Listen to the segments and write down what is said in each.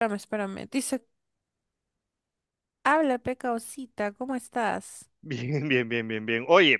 Espérame, espérame. Dice, habla, peca osita, ¿cómo estás? Bien, bien, bien, bien, bien. Oye,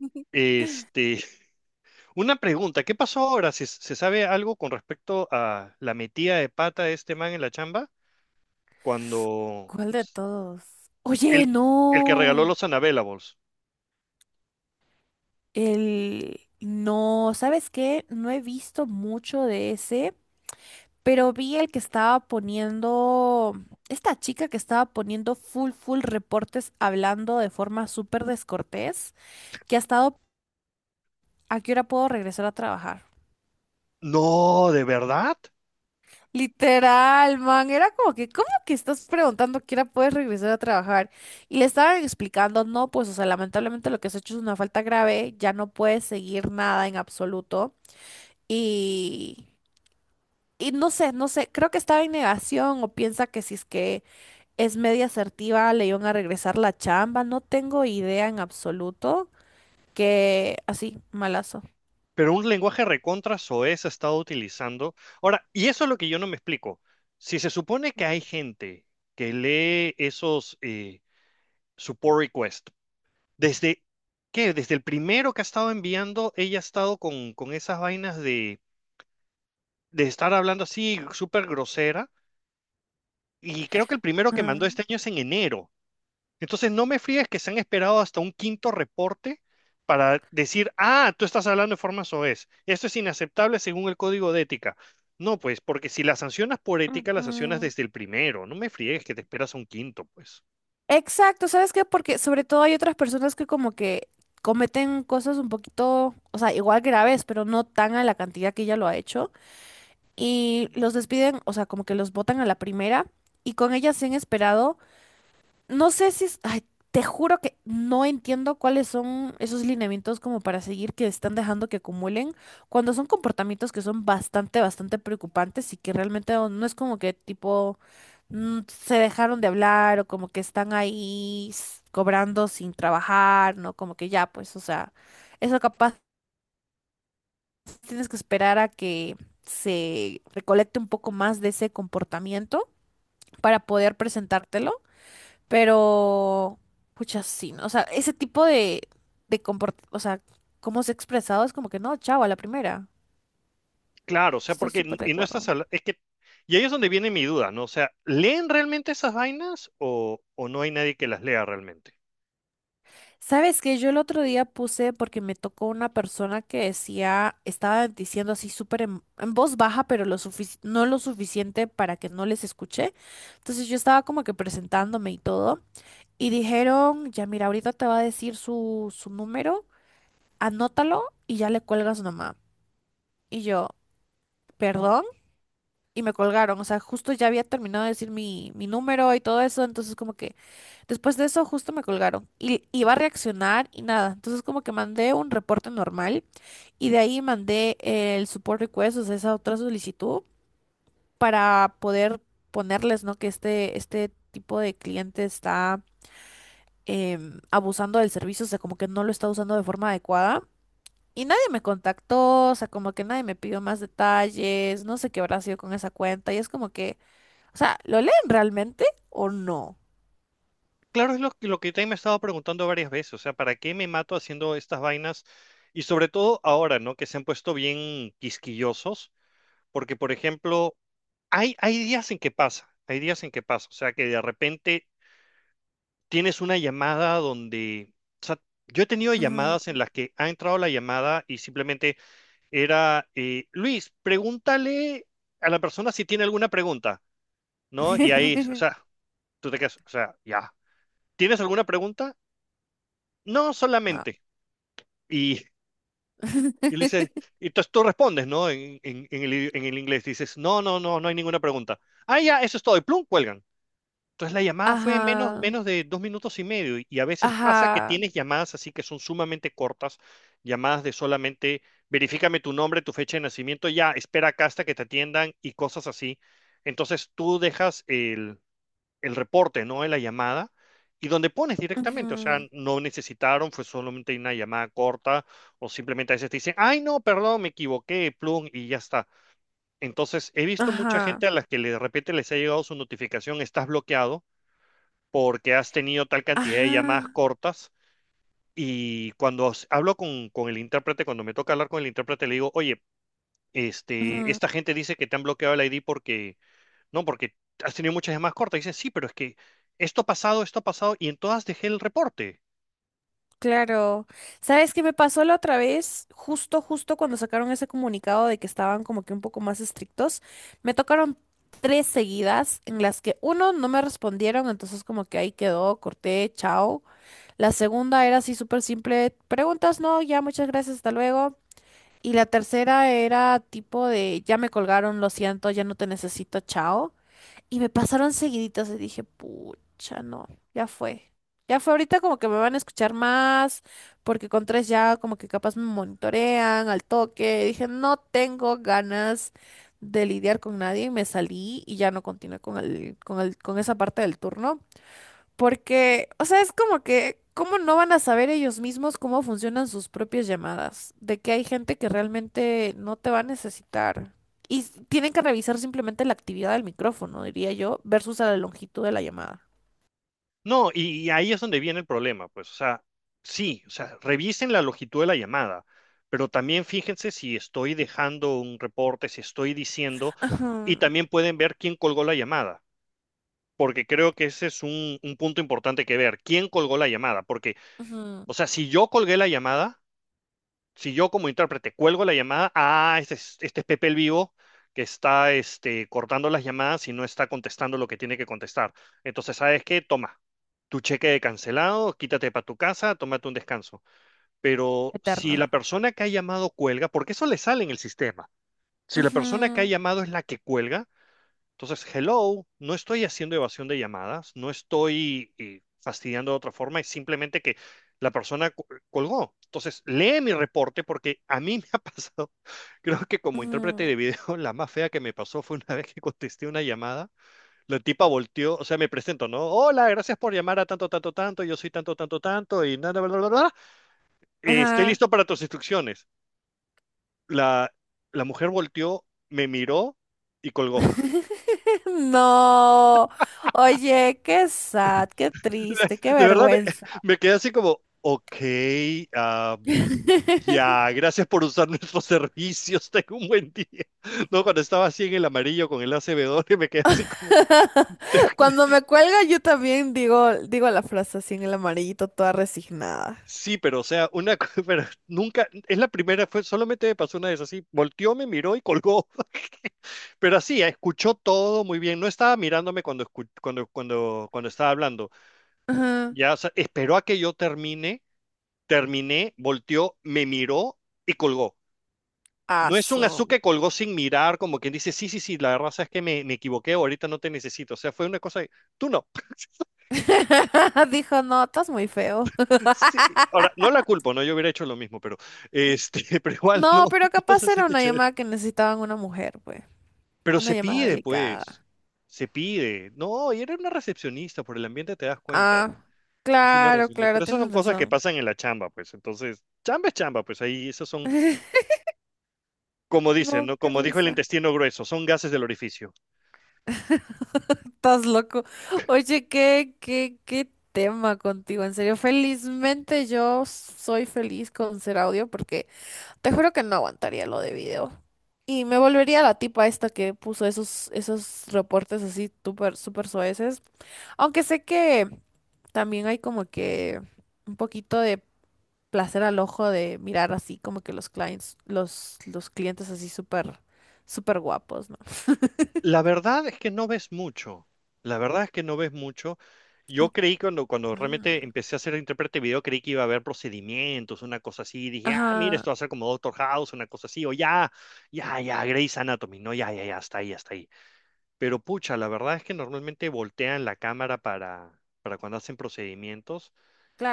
este, una pregunta, ¿qué pasó ahora? ¿Se sabe algo con respecto a la metida de pata de este man en la chamba? Cuando ¿Cuál de todos? el, Oye, el que regaló no. los Unavailables. El... No, ¿sabes qué? No he visto mucho de ese, pero vi el que estaba poniendo... Esta chica que estaba poniendo full, full reportes hablando de forma súper descortés, que ha estado... ¿A qué hora puedo regresar a trabajar? No, ¿de verdad? Literal, man, era como que, ¿cómo que estás preguntando que ahora puedes regresar a trabajar? Y le estaban explicando, no, pues, o sea, lamentablemente lo que has hecho es una falta grave, ya no puedes seguir nada en absoluto. Y, y no sé, no sé, creo que estaba en negación o piensa que si es que es media asertiva le iban a regresar la chamba, no tengo idea en absoluto, que así, malazo. Pero un lenguaje recontra soez ha estado utilizando. Ahora, y eso es lo que yo no me explico. Si se supone que hay gente que lee esos support requests. Desde, ¿Qué? Desde el primero que ha estado enviando, ella ha estado con esas vainas de estar hablando así súper grosera. Y creo que el primero que mandó Ah, este año es en enero. Entonces no me fríes que se han esperado hasta un quinto reporte para decir, ah, tú estás hablando de forma soez. Esto es inaceptable según el código de ética. No, pues, porque si las sancionas por ética, las sancionas ujú. desde el primero. No me fríes que te esperas a un quinto, pues. Exacto, ¿sabes qué? Porque sobre todo hay otras personas que como que cometen cosas un poquito, o sea, igual graves, pero no tan a la cantidad que ella lo ha hecho. Y los despiden, o sea, como que los botan a la primera y con ella se han esperado. No sé si es... Ay, te juro que no entiendo cuáles son esos lineamientos como para seguir que están dejando que acumulen cuando son comportamientos que son bastante, bastante preocupantes y que realmente no, no es como que tipo se dejaron de hablar o como que están ahí cobrando sin trabajar, ¿no? Como que ya, pues, o sea, eso capaz tienes que esperar a que se recolecte un poco más de ese comportamiento para poder presentártelo. Pero, pucha, sí, ¿no? O sea, ese tipo de comportamiento, o sea, cómo se ha expresado es como que no, chavo, a la primera. Claro, o sea, Estoy porque súper de y no acuerdo. estás es que y ahí es donde viene mi duda, ¿no? O sea, ¿leen realmente esas vainas o no hay nadie que las lea realmente? ¿Sabes qué? Yo el otro día puse porque me tocó una persona que decía, estaba diciendo así súper en voz baja, pero lo no lo suficiente para que no les escuché. Entonces yo estaba como que presentándome y todo. Y dijeron, ya mira, ahorita te va a decir su número, anótalo y ya le cuelgas nomás. Y yo, ¿perdón? Y me colgaron. O sea, justo ya había terminado de decir mi número y todo eso. Entonces, como que después de eso, justo me colgaron. Y iba a reaccionar y nada. Entonces, como que mandé un reporte normal y de ahí mandé el support request, o sea, esa otra solicitud para poder ponerles, ¿no? Que este tipo de cliente está abusando del servicio, o sea, como que no lo está usando de forma adecuada. Y nadie me contactó, o sea, como que nadie me pidió más detalles, no sé qué habrá sido con esa cuenta, y es como que, o sea, ¿lo leen realmente o no? Claro, es lo que también me he estado preguntando varias veces, o sea, ¿para qué me mato haciendo estas vainas? Y sobre todo ahora, ¿no? Que se han puesto bien quisquillosos, porque por ejemplo, hay días en que pasa, hay días en que pasa, o sea, que de repente tienes una llamada donde, o sea, yo he tenido Ajá. llamadas en las que ha entrado la llamada y simplemente era, Luis, pregúntale a la persona si tiene alguna pregunta, ¿no? Y ahí, o sea, tú te quedas, o sea, ya. ¿Tienes alguna pregunta? No, No. solamente. Y, y le dices, y entonces tú respondes, ¿no? En el inglés, dices, no, no, no, no hay ninguna pregunta. Ah, ya, eso es todo. Y plum, cuelgan. Entonces la llamada fue menos, Ajá, menos de 2 minutos y medio y a veces pasa que ajá, tienes llamadas así que son sumamente cortas, llamadas de solamente verifícame tu nombre, tu fecha de nacimiento, ya, espera acá hasta que te atiendan y cosas así. Entonces tú dejas el reporte, ¿no? En la llamada y donde pones directamente, o sea, ujú, no necesitaron, fue solamente una llamada corta o simplemente a veces te dicen, ay, no, perdón, me equivoqué, plum, y ya está. Entonces he visto mucha ajá, gente a la que de repente les ha llegado su notificación, estás bloqueado porque has tenido tal cantidad de llamadas ajá, cortas. Y cuando hablo con el intérprete, cuando me toca hablar con el intérprete, le digo, oye, este, ujú, esta gente dice que te han bloqueado el ID porque, no, porque has tenido muchas llamadas cortas. Dicen, sí, pero es que esto ha pasado, y en todas dejé el reporte. claro. ¿Sabes qué me pasó la otra vez? Justo, justo cuando sacaron ese comunicado de que estaban como que un poco más estrictos, me tocaron 3 seguidas en las que uno no me respondieron, entonces como que ahí quedó, corté, chao. La segunda era así súper simple, preguntas, no, ya, muchas gracias, hasta luego. Y la tercera era tipo de, ya me colgaron, lo siento, ya no te necesito, chao. Y me pasaron seguiditas y dije, pucha, no, ya fue. Ya fue ahorita como que me van a escuchar más, porque con tres ya como que capaz me monitorean al toque. Dije, no tengo ganas de lidiar con nadie y me salí y ya no continué con el, con el, con esa parte del turno. Porque, o sea, es como que, ¿cómo no van a saber ellos mismos cómo funcionan sus propias llamadas? De que hay gente que realmente no te va a necesitar. Y tienen que revisar simplemente la actividad del micrófono, diría yo, versus a la longitud de la llamada. No, y ahí es donde viene el problema, pues, o sea, sí, o sea, revisen la longitud de la llamada, pero también fíjense si estoy dejando un reporte, si estoy diciendo, Ajá, y también pueden ver quién colgó la llamada. Porque creo que ese es un punto importante que ver. ¿Quién colgó la llamada? Porque, ujú, o sea, si yo colgué la llamada, si yo como intérprete cuelgo la llamada, ah, este es Pepe el Vivo que está cortando las llamadas y no está contestando lo que tiene que contestar. Entonces, ¿sabes qué? Toma, tu cheque de cancelado, quítate para tu casa, tómate un descanso. Pero si eterno. la persona que ha llamado cuelga, porque eso le sale en el sistema, si la persona que ha Ujú, llamado es la que cuelga, entonces, hello, no estoy haciendo evasión de llamadas, no estoy fastidiando de otra forma, es simplemente que la persona colgó. Entonces, lee mi reporte porque a mí me ha pasado, creo que como intérprete ujú, de video, la más fea que me pasó fue una vez que contesté una llamada, la tipa volteó, o sea, me presento, ¿no? Hola, gracias por llamar a tanto, tanto, tanto, yo soy tanto, tanto, tanto, y nada, bla, bla, bla, bla. Estoy ajá. listo para tus instrucciones. La, la mujer volteó, me miró y colgó. No. Oye, qué sad, qué triste, qué De verdad, vergüenza. me quedé así como, ok, ah, ya, gracias por usar nuestros servicios, tengo un buen día. No, cuando estaba así en el amarillo con el acb y me quedé así como, te- Cuando me cuelga, yo también digo, digo la frase así en el amarillito, toda resignada. sí, pero o sea, pero nunca, es la primera, fue, solamente me pasó una vez así, volteó, me miró y colgó. Pero así, escuchó todo muy bien. No estaba mirándome cuando, cuando estaba hablando. Ajá. Ya, o sea, esperó a que yo termine, terminé, volteó, me miró y colgó. No es un Azu Aso. que colgó sin mirar, como quien dice, sí, sí, sí, la verdad es que me equivoqué, ahorita no te necesito. O sea, fue una cosa, tú no. Dijo, no, estás muy feo. Sí, ahora, no la culpo, ¿no? Yo hubiera hecho lo mismo, pero, pero igual no, No, pero no capaz se era siente una chévere. llamada que necesitaban una mujer, pues. Pero Una se llamada pide, pues, delicada. se pide. No, y era una recepcionista, por el ambiente te das cuenta. Ah, Es una claro, recepcionista. claro, Pero esas son tienes cosas que razón. pasan en la chamba, pues. Entonces, chamba es chamba, pues ahí, esos son, como dicen, No, ¿no? qué Como dijo el risa. intestino grueso, son gases del orificio. Estás loco. Oye, qué, qué, qué tema contigo, en serio. Felizmente yo soy feliz con ser audio porque te juro que no aguantaría lo de video. Y me volvería la tipa esta que puso esos, esos reportes así súper, súper soeces. Aunque sé que también hay como que un poquito de placer al ojo de mirar así como que los clients, los clientes así súper, súper guapos, ¿no? La verdad es que no ves mucho. La verdad es que no ves mucho. Yo creí cuando realmente Mm. empecé a ser intérprete de video, creí que iba a haber procedimientos, una cosa así. Dije, ah, mira, Ajá, esto va a ser como Doctor House, una cosa así. O ya, ya, ya, Grey's Anatomy. No, ya, ya, ya, hasta ahí, hasta ahí. Pero pucha, la verdad es que normalmente voltean la cámara para cuando hacen procedimientos.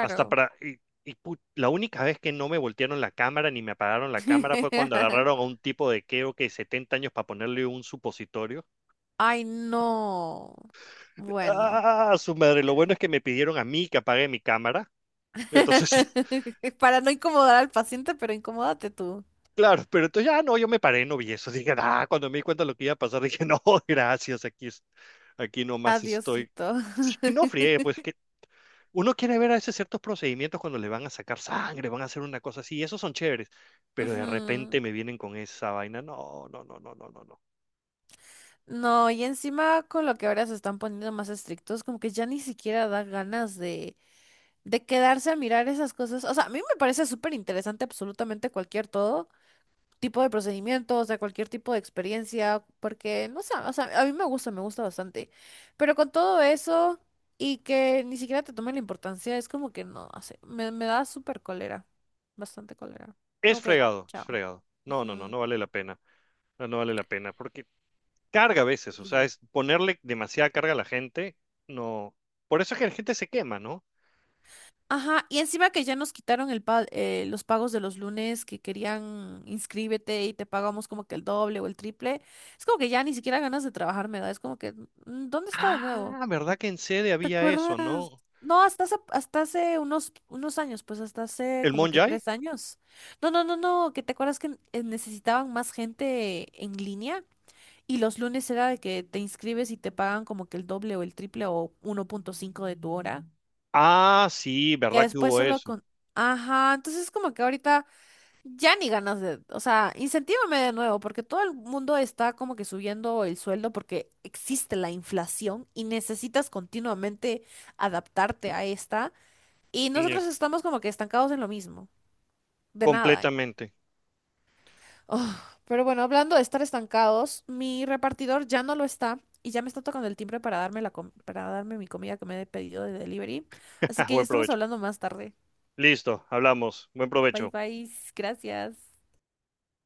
Hasta para. Y la única vez que no me voltearon la cámara ni me apagaron la cámara fue cuando agarraron a un tipo de creo que 70 años para ponerle un supositorio. Ay, no. Bueno. Ah, su madre, lo bueno es que me pidieron a mí que apague mi cámara. Entonces, Para no incomodar al paciente, pero incomódate tú. claro, pero entonces ya no, yo me paré, no vi eso. Dije, ah, cuando me di cuenta de lo que iba a pasar, dije, no, gracias, aquí, aquí nomás estoy. Adiosito. Sí, no friegue, pues que uno quiere ver a veces ciertos procedimientos cuando le van a sacar sangre, van a hacer una cosa así, esos son chéveres, pero de repente Ujú. me vienen con esa vaina. No, no, no, no, no, no, no. No, y encima con lo que ahora se están poniendo más estrictos, como que ya ni siquiera da ganas de quedarse a mirar esas cosas. O sea, a mí me parece súper interesante absolutamente cualquier todo tipo de procedimiento, o sea, cualquier tipo de experiencia, porque, no sé, o sea, a mí me gusta bastante. Pero con todo eso y que ni siquiera te tome la importancia, es como que no, no sé, me da súper cólera, bastante cólera. Es Como que, fregado, es chao. fregado. No, no, no, Ujú. no vale la pena. No, no vale la pena, porque carga a veces, o sea, es ponerle demasiada carga a la gente, no. Por eso es que la gente se quema, ¿no? Ajá, y encima que ya nos quitaron los pagos de los lunes que querían inscríbete y te pagamos como que el doble o el triple. Es como que ya ni siquiera ganas de trabajar me da. Es como que, mm, ¿dónde está de nuevo? Ah, ¿verdad que en sede ¿Te había eso, acuerdas? no? No, hasta hace unos, unos años, pues hasta hace ¿El como que Monjay? 3 años. No, no, no, no, que te acuerdas que necesitaban más gente en línea y los lunes era de que te inscribes y te pagan como que el doble o el triple o 1.5 de tu hora Ah, sí, que ¿verdad que después hubo solo eso? con... Ajá, entonces como que ahorita ya ni ganas de... O sea, incentívame de nuevo, porque todo el mundo está como que subiendo el sueldo porque existe la inflación y necesitas continuamente adaptarte a esta. Y Ñe, nosotros estamos como que estancados en lo mismo, de nada. completamente. Ugh, pero bueno, hablando de estar estancados, mi repartidor ya no lo está y ya me está tocando el timbre para darme para darme mi comida que me he pedido de delivery. Así que ya Buen estamos provecho. hablando más tarde. Listo, hablamos. Buen Bye provecho. bye, gracias.